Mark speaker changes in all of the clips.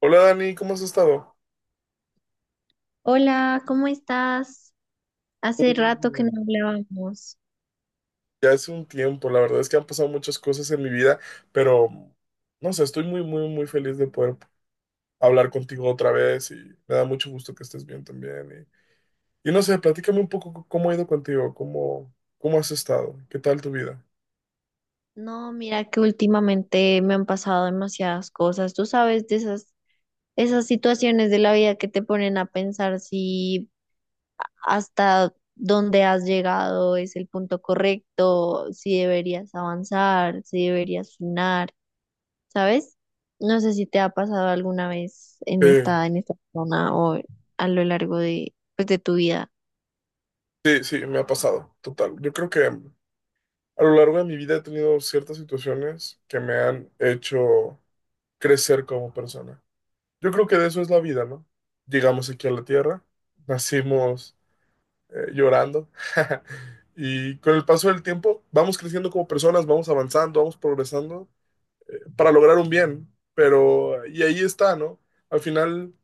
Speaker 1: Hola Dani, ¿cómo has estado?
Speaker 2: Hola, ¿cómo estás? Hace rato que no
Speaker 1: Mm,
Speaker 2: hablábamos.
Speaker 1: ya hace un tiempo, la verdad es que han pasado muchas cosas en mi vida, pero no sé, estoy muy, muy, muy feliz de poder hablar contigo otra vez y me da mucho gusto que estés bien también. Y no sé, platícame un poco cómo ha ido contigo, cómo has estado, qué tal tu vida.
Speaker 2: No, mira que últimamente me han pasado demasiadas cosas. Tú sabes de esas, situaciones de la vida que te ponen a pensar si hasta dónde has llegado es el punto correcto, si deberías avanzar, si deberías frenar, ¿sabes? No sé si te ha pasado alguna vez en
Speaker 1: Eh,
Speaker 2: esta, zona o a lo largo de, pues, de tu vida.
Speaker 1: sí, sí, me ha pasado, total. Yo creo que a lo largo de mi vida he tenido ciertas situaciones que me han hecho crecer como persona. Yo creo que de eso es la vida, ¿no? Llegamos aquí a la Tierra, nacimos llorando y con el paso del tiempo vamos creciendo como personas, vamos avanzando, vamos progresando para lograr un bien, pero y ahí está, ¿no? Al final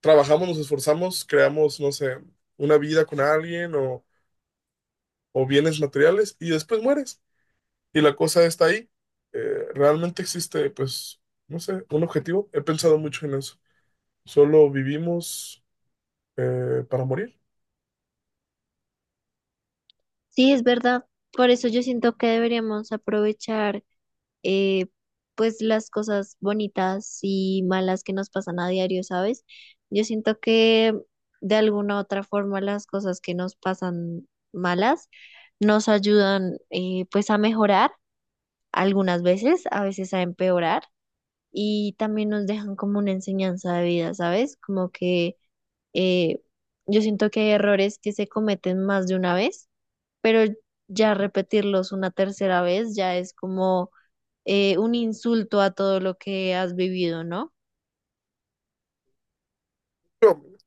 Speaker 1: trabajamos, nos esforzamos, creamos, no sé, una vida con alguien o bienes materiales y después mueres y la cosa está ahí. Realmente existe, pues, no sé, un objetivo. He pensado mucho en eso. Solo vivimos para morir.
Speaker 2: Sí, es verdad. Por eso yo siento que deberíamos aprovechar eh, pues las cosas bonitas y malas que nos pasan a diario, ¿sabes? Yo siento que de alguna u otra forma las cosas que nos pasan malas nos ayudan pues a mejorar algunas veces, a veces a empeorar, y también nos dejan como una enseñanza de vida, ¿sabes? Como que eh, yo siento que hay errores que se cometen más de una vez, pero ya repetirlos una tercera vez ya es como un insulto a todo lo que has vivido, ¿no?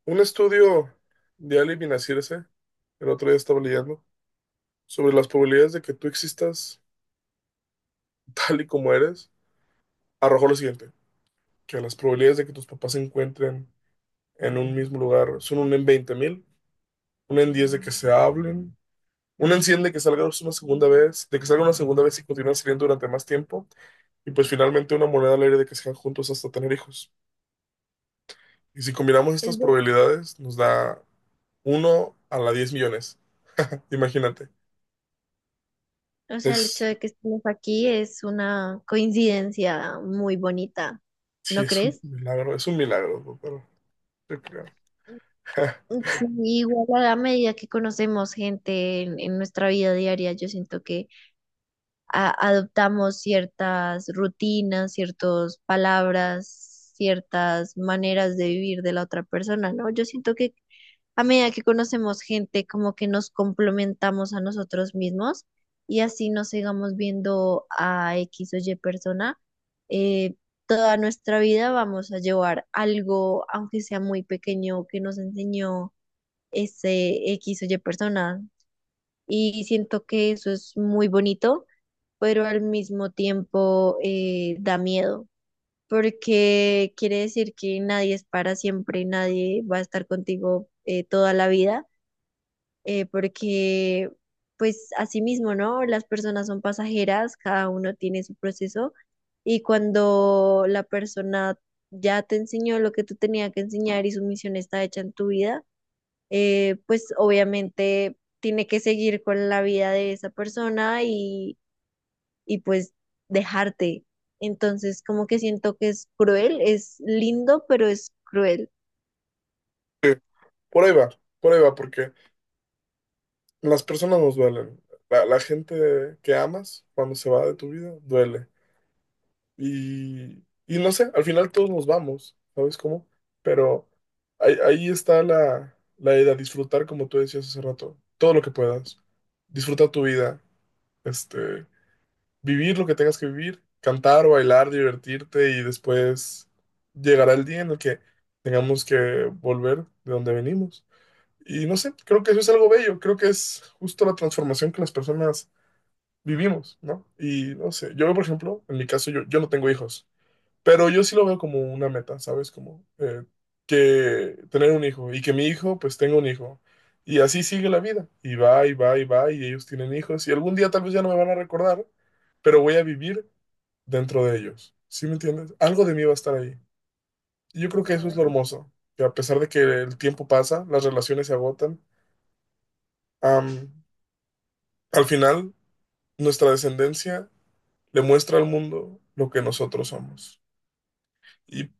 Speaker 1: Un estudio de Ali bin el otro día estaba leyendo, sobre las probabilidades de que tú existas tal y como eres, arrojó lo siguiente, que las probabilidades de que tus papás se encuentren en un mismo lugar son una en 20.000, una en 10 de que se hablen, una en 100 de que salgan una segunda vez, de que salgan una segunda vez y continúen saliendo durante más tiempo, y pues finalmente una moneda al aire de que sean juntos hasta tener hijos. Y si combinamos estas
Speaker 2: Es verdad.
Speaker 1: probabilidades, nos da uno a la 10 millones. Imagínate.
Speaker 2: O sea, el hecho
Speaker 1: Es,
Speaker 2: de que estemos aquí es una coincidencia muy bonita,
Speaker 1: sí,
Speaker 2: ¿no crees?
Speaker 1: es un milagro, doctor. Yo creo.
Speaker 2: Sí, igual a la medida que conocemos gente en, nuestra vida diaria, yo siento que adoptamos ciertas rutinas, ciertas palabras, ciertas maneras de vivir de la otra persona, ¿no? Yo siento que a medida que conocemos gente, como que nos complementamos a nosotros mismos, y así nos sigamos viendo a X o Y persona, eh, toda nuestra vida vamos a llevar algo, aunque sea muy pequeño, que nos enseñó ese X o Y persona. Y siento que eso es muy bonito, pero al mismo tiempo da miedo. Porque quiere decir que nadie es para siempre, nadie va a estar contigo toda la vida, porque pues así mismo, ¿no? Las personas son pasajeras, cada uno tiene su proceso, y cuando la persona ya te enseñó lo que tú tenías que enseñar y su misión está hecha en tu vida, pues obviamente tiene que seguir con la vida de esa persona y, pues dejarte. Entonces, como que siento que es cruel, es lindo, pero es cruel.
Speaker 1: Por ahí va, por ahí va, porque las personas nos duelen. La gente que amas, cuando se va de tu vida, duele. Y no sé, al final todos nos vamos, ¿sabes cómo? Pero ahí está la idea, disfrutar, como tú decías hace rato, todo lo que puedas. Disfruta tu vida, este, vivir lo que tengas que vivir, cantar, bailar, divertirte y después llegará el día en el que tengamos que volver de donde venimos. Y no sé, creo que eso es algo bello, creo que es justo la transformación que las personas vivimos, ¿no? Y no sé, yo por ejemplo, en mi caso yo no tengo hijos, pero yo sí lo veo como una meta, ¿sabes? Como que tener un hijo y que mi hijo pues tenga un hijo. Y así sigue la vida, y va, y va, y va, y ellos tienen hijos, y algún día tal vez ya no me van a recordar, pero voy a vivir dentro de ellos. ¿Sí me entiendes? Algo de mí va a estar ahí. Y yo creo que eso
Speaker 2: Wow.
Speaker 1: es lo hermoso, que a pesar de que el tiempo pasa, las relaciones se agotan, am, al final nuestra descendencia le muestra al mundo lo que nosotros somos. Y,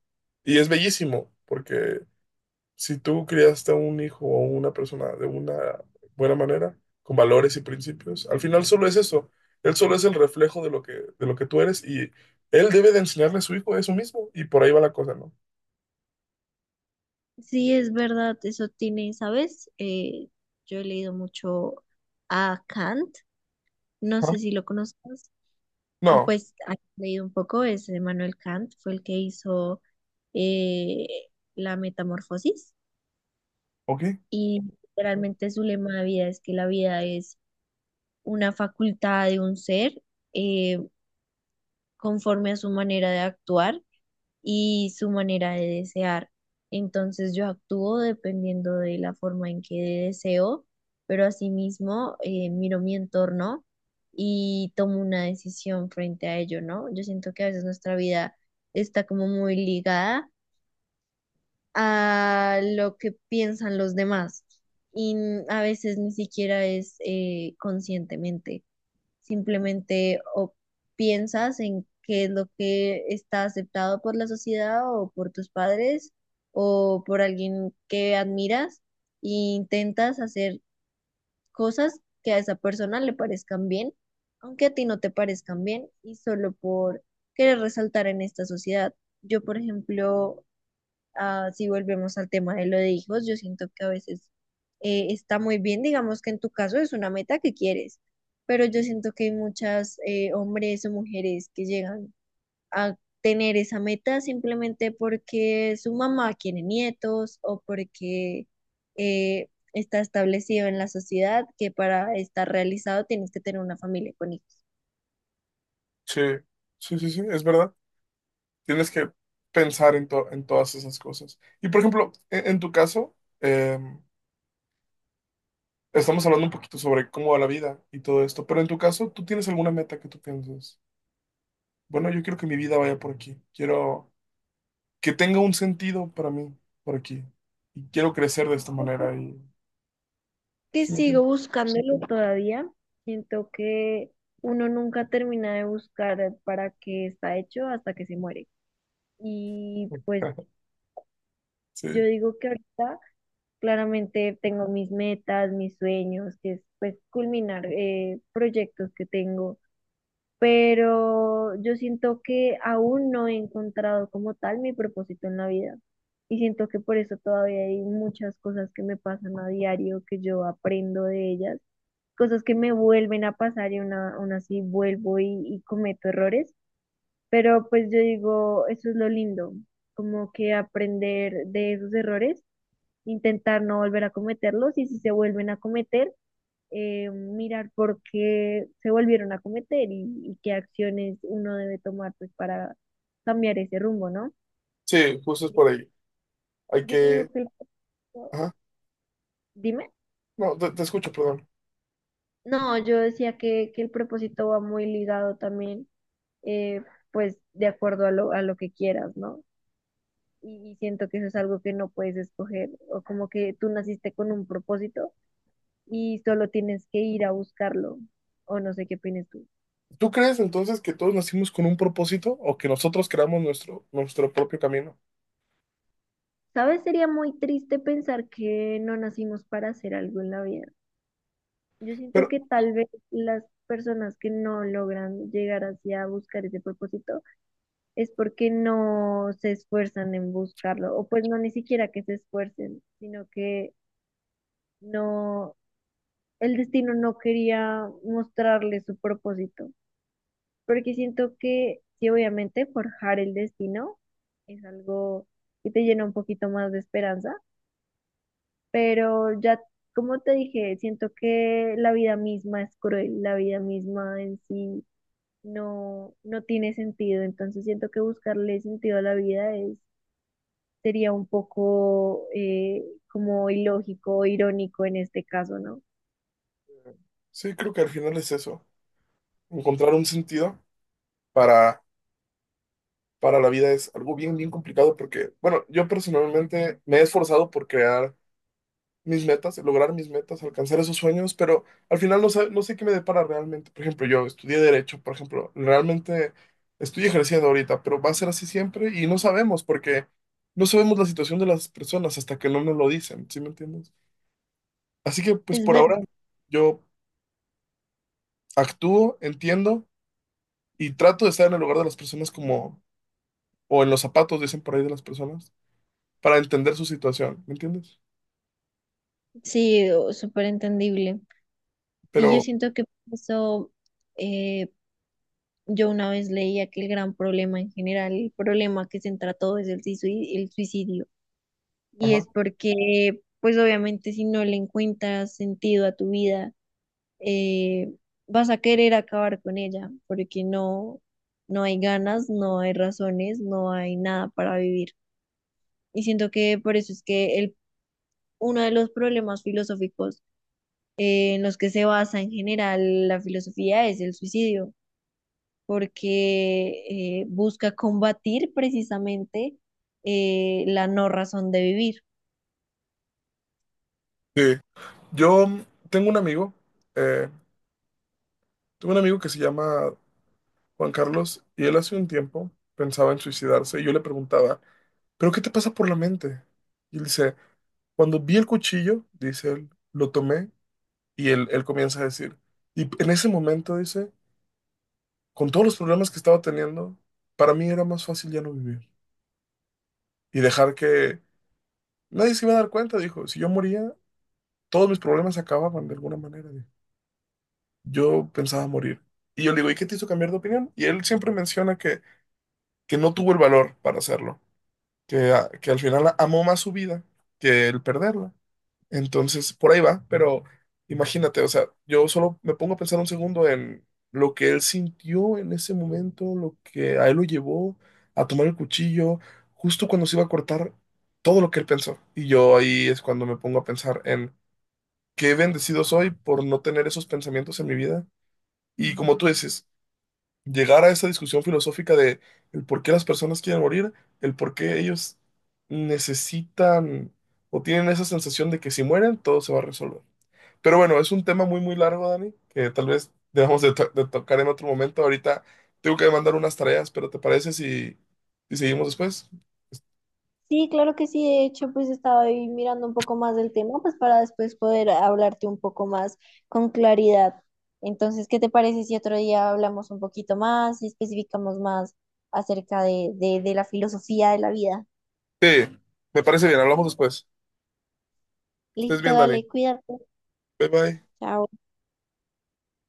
Speaker 1: y es bellísimo, porque si tú criaste a un hijo o una persona de una buena manera, con valores y principios, al final solo es eso. Él solo es el reflejo de lo que tú eres y él debe de enseñarle a su hijo eso mismo y por ahí va la cosa, ¿no?
Speaker 2: Sí, es verdad, eso tiene, ¿sabes? Yo he leído mucho a Kant, no
Speaker 1: Ajá.
Speaker 2: sé si lo conozcas, o
Speaker 1: No,
Speaker 2: pues he leído un poco, es Immanuel Kant, fue el que hizo eh, la metamorfosis,
Speaker 1: ok,
Speaker 2: y literalmente su lema de vida es que la vida es una facultad de un ser eh, conforme a su manera de actuar y su manera de desear. Entonces yo actúo dependiendo de la forma en que deseo, pero asimismo miro mi entorno y tomo una decisión frente a ello, ¿no? Yo siento que a veces nuestra vida está como muy ligada a lo que piensan los demás, y a veces ni siquiera es conscientemente. Simplemente o piensas en qué es lo que está aceptado por la sociedad o por tus padres o por alguien que admiras, e intentas hacer cosas que a esa persona le parezcan bien, aunque a ti no te parezcan bien, y solo por querer resaltar en esta sociedad. Yo, por ejemplo, si volvemos al tema de lo de hijos, yo siento que a veces está muy bien, digamos que en tu caso es una meta que quieres, pero yo siento que hay muchas hombres o mujeres que llegan a tener esa meta simplemente porque su mamá quiere nietos o porque está establecido en la sociedad que para estar realizado tienes que tener una familia con hijos.
Speaker 1: sí, sí, sí, sí, es verdad. Tienes que pensar en todas esas cosas. Y por ejemplo, en tu caso, eh, estamos hablando un poquito sobre cómo va la vida y todo esto, pero en tu caso, ¿tú tienes alguna meta que tú pienses? Bueno, yo quiero que mi vida vaya por aquí. Quiero que tenga un sentido para mí por aquí. Y quiero crecer de esta manera. Y...
Speaker 2: Que
Speaker 1: ¿Sí me
Speaker 2: sigo,
Speaker 1: entiendes?
Speaker 2: sí, buscándolo todavía. Siento que uno nunca termina de buscar para qué está hecho hasta que se muere. Y pues
Speaker 1: Sí,
Speaker 2: yo digo que ahorita claramente tengo mis metas, mis sueños, que es pues culminar proyectos que tengo. Pero yo siento que aún no he encontrado como tal mi propósito en la vida. Y siento que por eso todavía hay muchas cosas que me pasan a diario, que yo aprendo de ellas, cosas que me vuelven a pasar, y una, aún así vuelvo y, cometo errores, pero pues yo digo, eso es lo lindo, como que aprender de esos errores, intentar no volver a cometerlos, y si se vuelven a cometer, mirar por qué se volvieron a cometer y, qué acciones uno debe tomar pues para cambiar ese rumbo, ¿no?
Speaker 1: sí, justo es por ahí. Hay
Speaker 2: Yo digo
Speaker 1: que...
Speaker 2: que el...
Speaker 1: Ajá.
Speaker 2: Dime.
Speaker 1: No, te escucho, perdón.
Speaker 2: No, yo decía que, el propósito va muy ligado también eh, pues de acuerdo a lo, que quieras, ¿no? Y, siento que eso es algo que no puedes escoger, o como que tú naciste con un propósito y solo tienes que ir a buscarlo, o no sé qué opinas tú.
Speaker 1: ¿Tú crees entonces que todos nacimos con un propósito o que nosotros creamos nuestro, nuestro propio camino?
Speaker 2: ¿Sabes? Sería muy triste pensar que no nacimos para hacer algo en la vida. Yo siento
Speaker 1: Pero
Speaker 2: que tal vez las personas que no logran llegar hacia buscar ese propósito es porque no se esfuerzan en buscarlo, o pues no, ni siquiera que se esfuercen, sino que no, el destino no quería mostrarle su propósito, porque siento que sí, obviamente, forjar el destino es algo que te llena un poquito más de esperanza, pero ya, como te dije, siento que la vida misma es cruel, la vida misma en sí no, no tiene sentido, entonces siento que buscarle sentido a la vida es, sería un poco como ilógico, irónico en este caso, ¿no?
Speaker 1: sí, creo que al final es eso. Encontrar un sentido para, para la vida es algo bien, bien complicado porque, bueno, yo personalmente me he esforzado por crear mis metas, lograr mis metas, alcanzar esos sueños, pero al final no sé, no sé qué me depara realmente. Por ejemplo, yo estudié Derecho, por ejemplo, realmente estoy ejerciendo ahorita, pero va a ser así siempre y no sabemos porque no sabemos la situación de las personas hasta que no nos lo dicen, ¿sí me entiendes? Así que pues
Speaker 2: Es
Speaker 1: por ahora
Speaker 2: verdad,
Speaker 1: yo actúo, entiendo y trato de estar en el lugar de las personas como, o en los zapatos, dicen por ahí de las personas, para entender su situación, ¿me entiendes?
Speaker 2: sí, súper entendible. Y yo
Speaker 1: Pero,
Speaker 2: siento que por eso eh, yo una vez leía que el gran problema en general, el problema que centra todo es el suicidio, el suicidio. Y
Speaker 1: ajá.
Speaker 2: es porque, pues obviamente si no le encuentras sentido a tu vida, eh, vas a querer acabar con ella, porque no, no hay ganas, no hay razones, no hay nada para vivir. Y siento que por eso es que uno de los problemas filosóficos en los que se basa en general la filosofía es el suicidio, porque busca combatir precisamente la no razón de vivir.
Speaker 1: Sí. Yo tengo un amigo, eh, tengo un amigo que se llama Juan Carlos y él hace un tiempo pensaba en suicidarse y yo le preguntaba, ¿pero qué te pasa por la mente? Y él dice, cuando vi el cuchillo, dice él, lo tomé y él comienza a decir, y en ese momento dice, con todos los problemas que estaba teniendo, para mí era más fácil ya no vivir y dejar que nadie se iba a dar cuenta, dijo. Si yo moría, todos mis problemas se acababan de alguna manera. Dijo. Yo pensaba morir. Y yo le digo, ¿y qué te hizo cambiar de opinión? Y él siempre menciona que no tuvo el valor para hacerlo, que, que al final amó más su vida que el perderla. Entonces, por ahí va, pero imagínate, o sea, yo solo me pongo a pensar un segundo en lo que él sintió en ese momento, lo que a él lo llevó a tomar el cuchillo, justo cuando se iba a cortar, todo lo que él pensó. Y yo ahí es cuando me pongo a pensar en qué bendecido soy por no tener esos pensamientos en mi vida. Y como tú dices, llegar a esa discusión filosófica de el por qué las personas quieren morir, el por qué ellos necesitan o tienen esa sensación de que si mueren, todo se va a resolver. Pero bueno, es un tema muy, muy largo, Dani, que tal vez dejamos de tocar en otro momento. Ahorita tengo que mandar unas tareas, pero ¿te parece si, si seguimos después?
Speaker 2: Sí, claro que sí. De hecho, pues estaba ahí mirando un poco más del tema, pues para después poder hablarte un poco más con claridad. Entonces, ¿qué te parece si otro día hablamos un poquito más y especificamos más acerca de, de la filosofía de la vida?
Speaker 1: Sí, me parece bien, hablamos después. Que estés
Speaker 2: Listo,
Speaker 1: bien, Dani.
Speaker 2: dale, cuídate.
Speaker 1: Bye bye.
Speaker 2: Chao.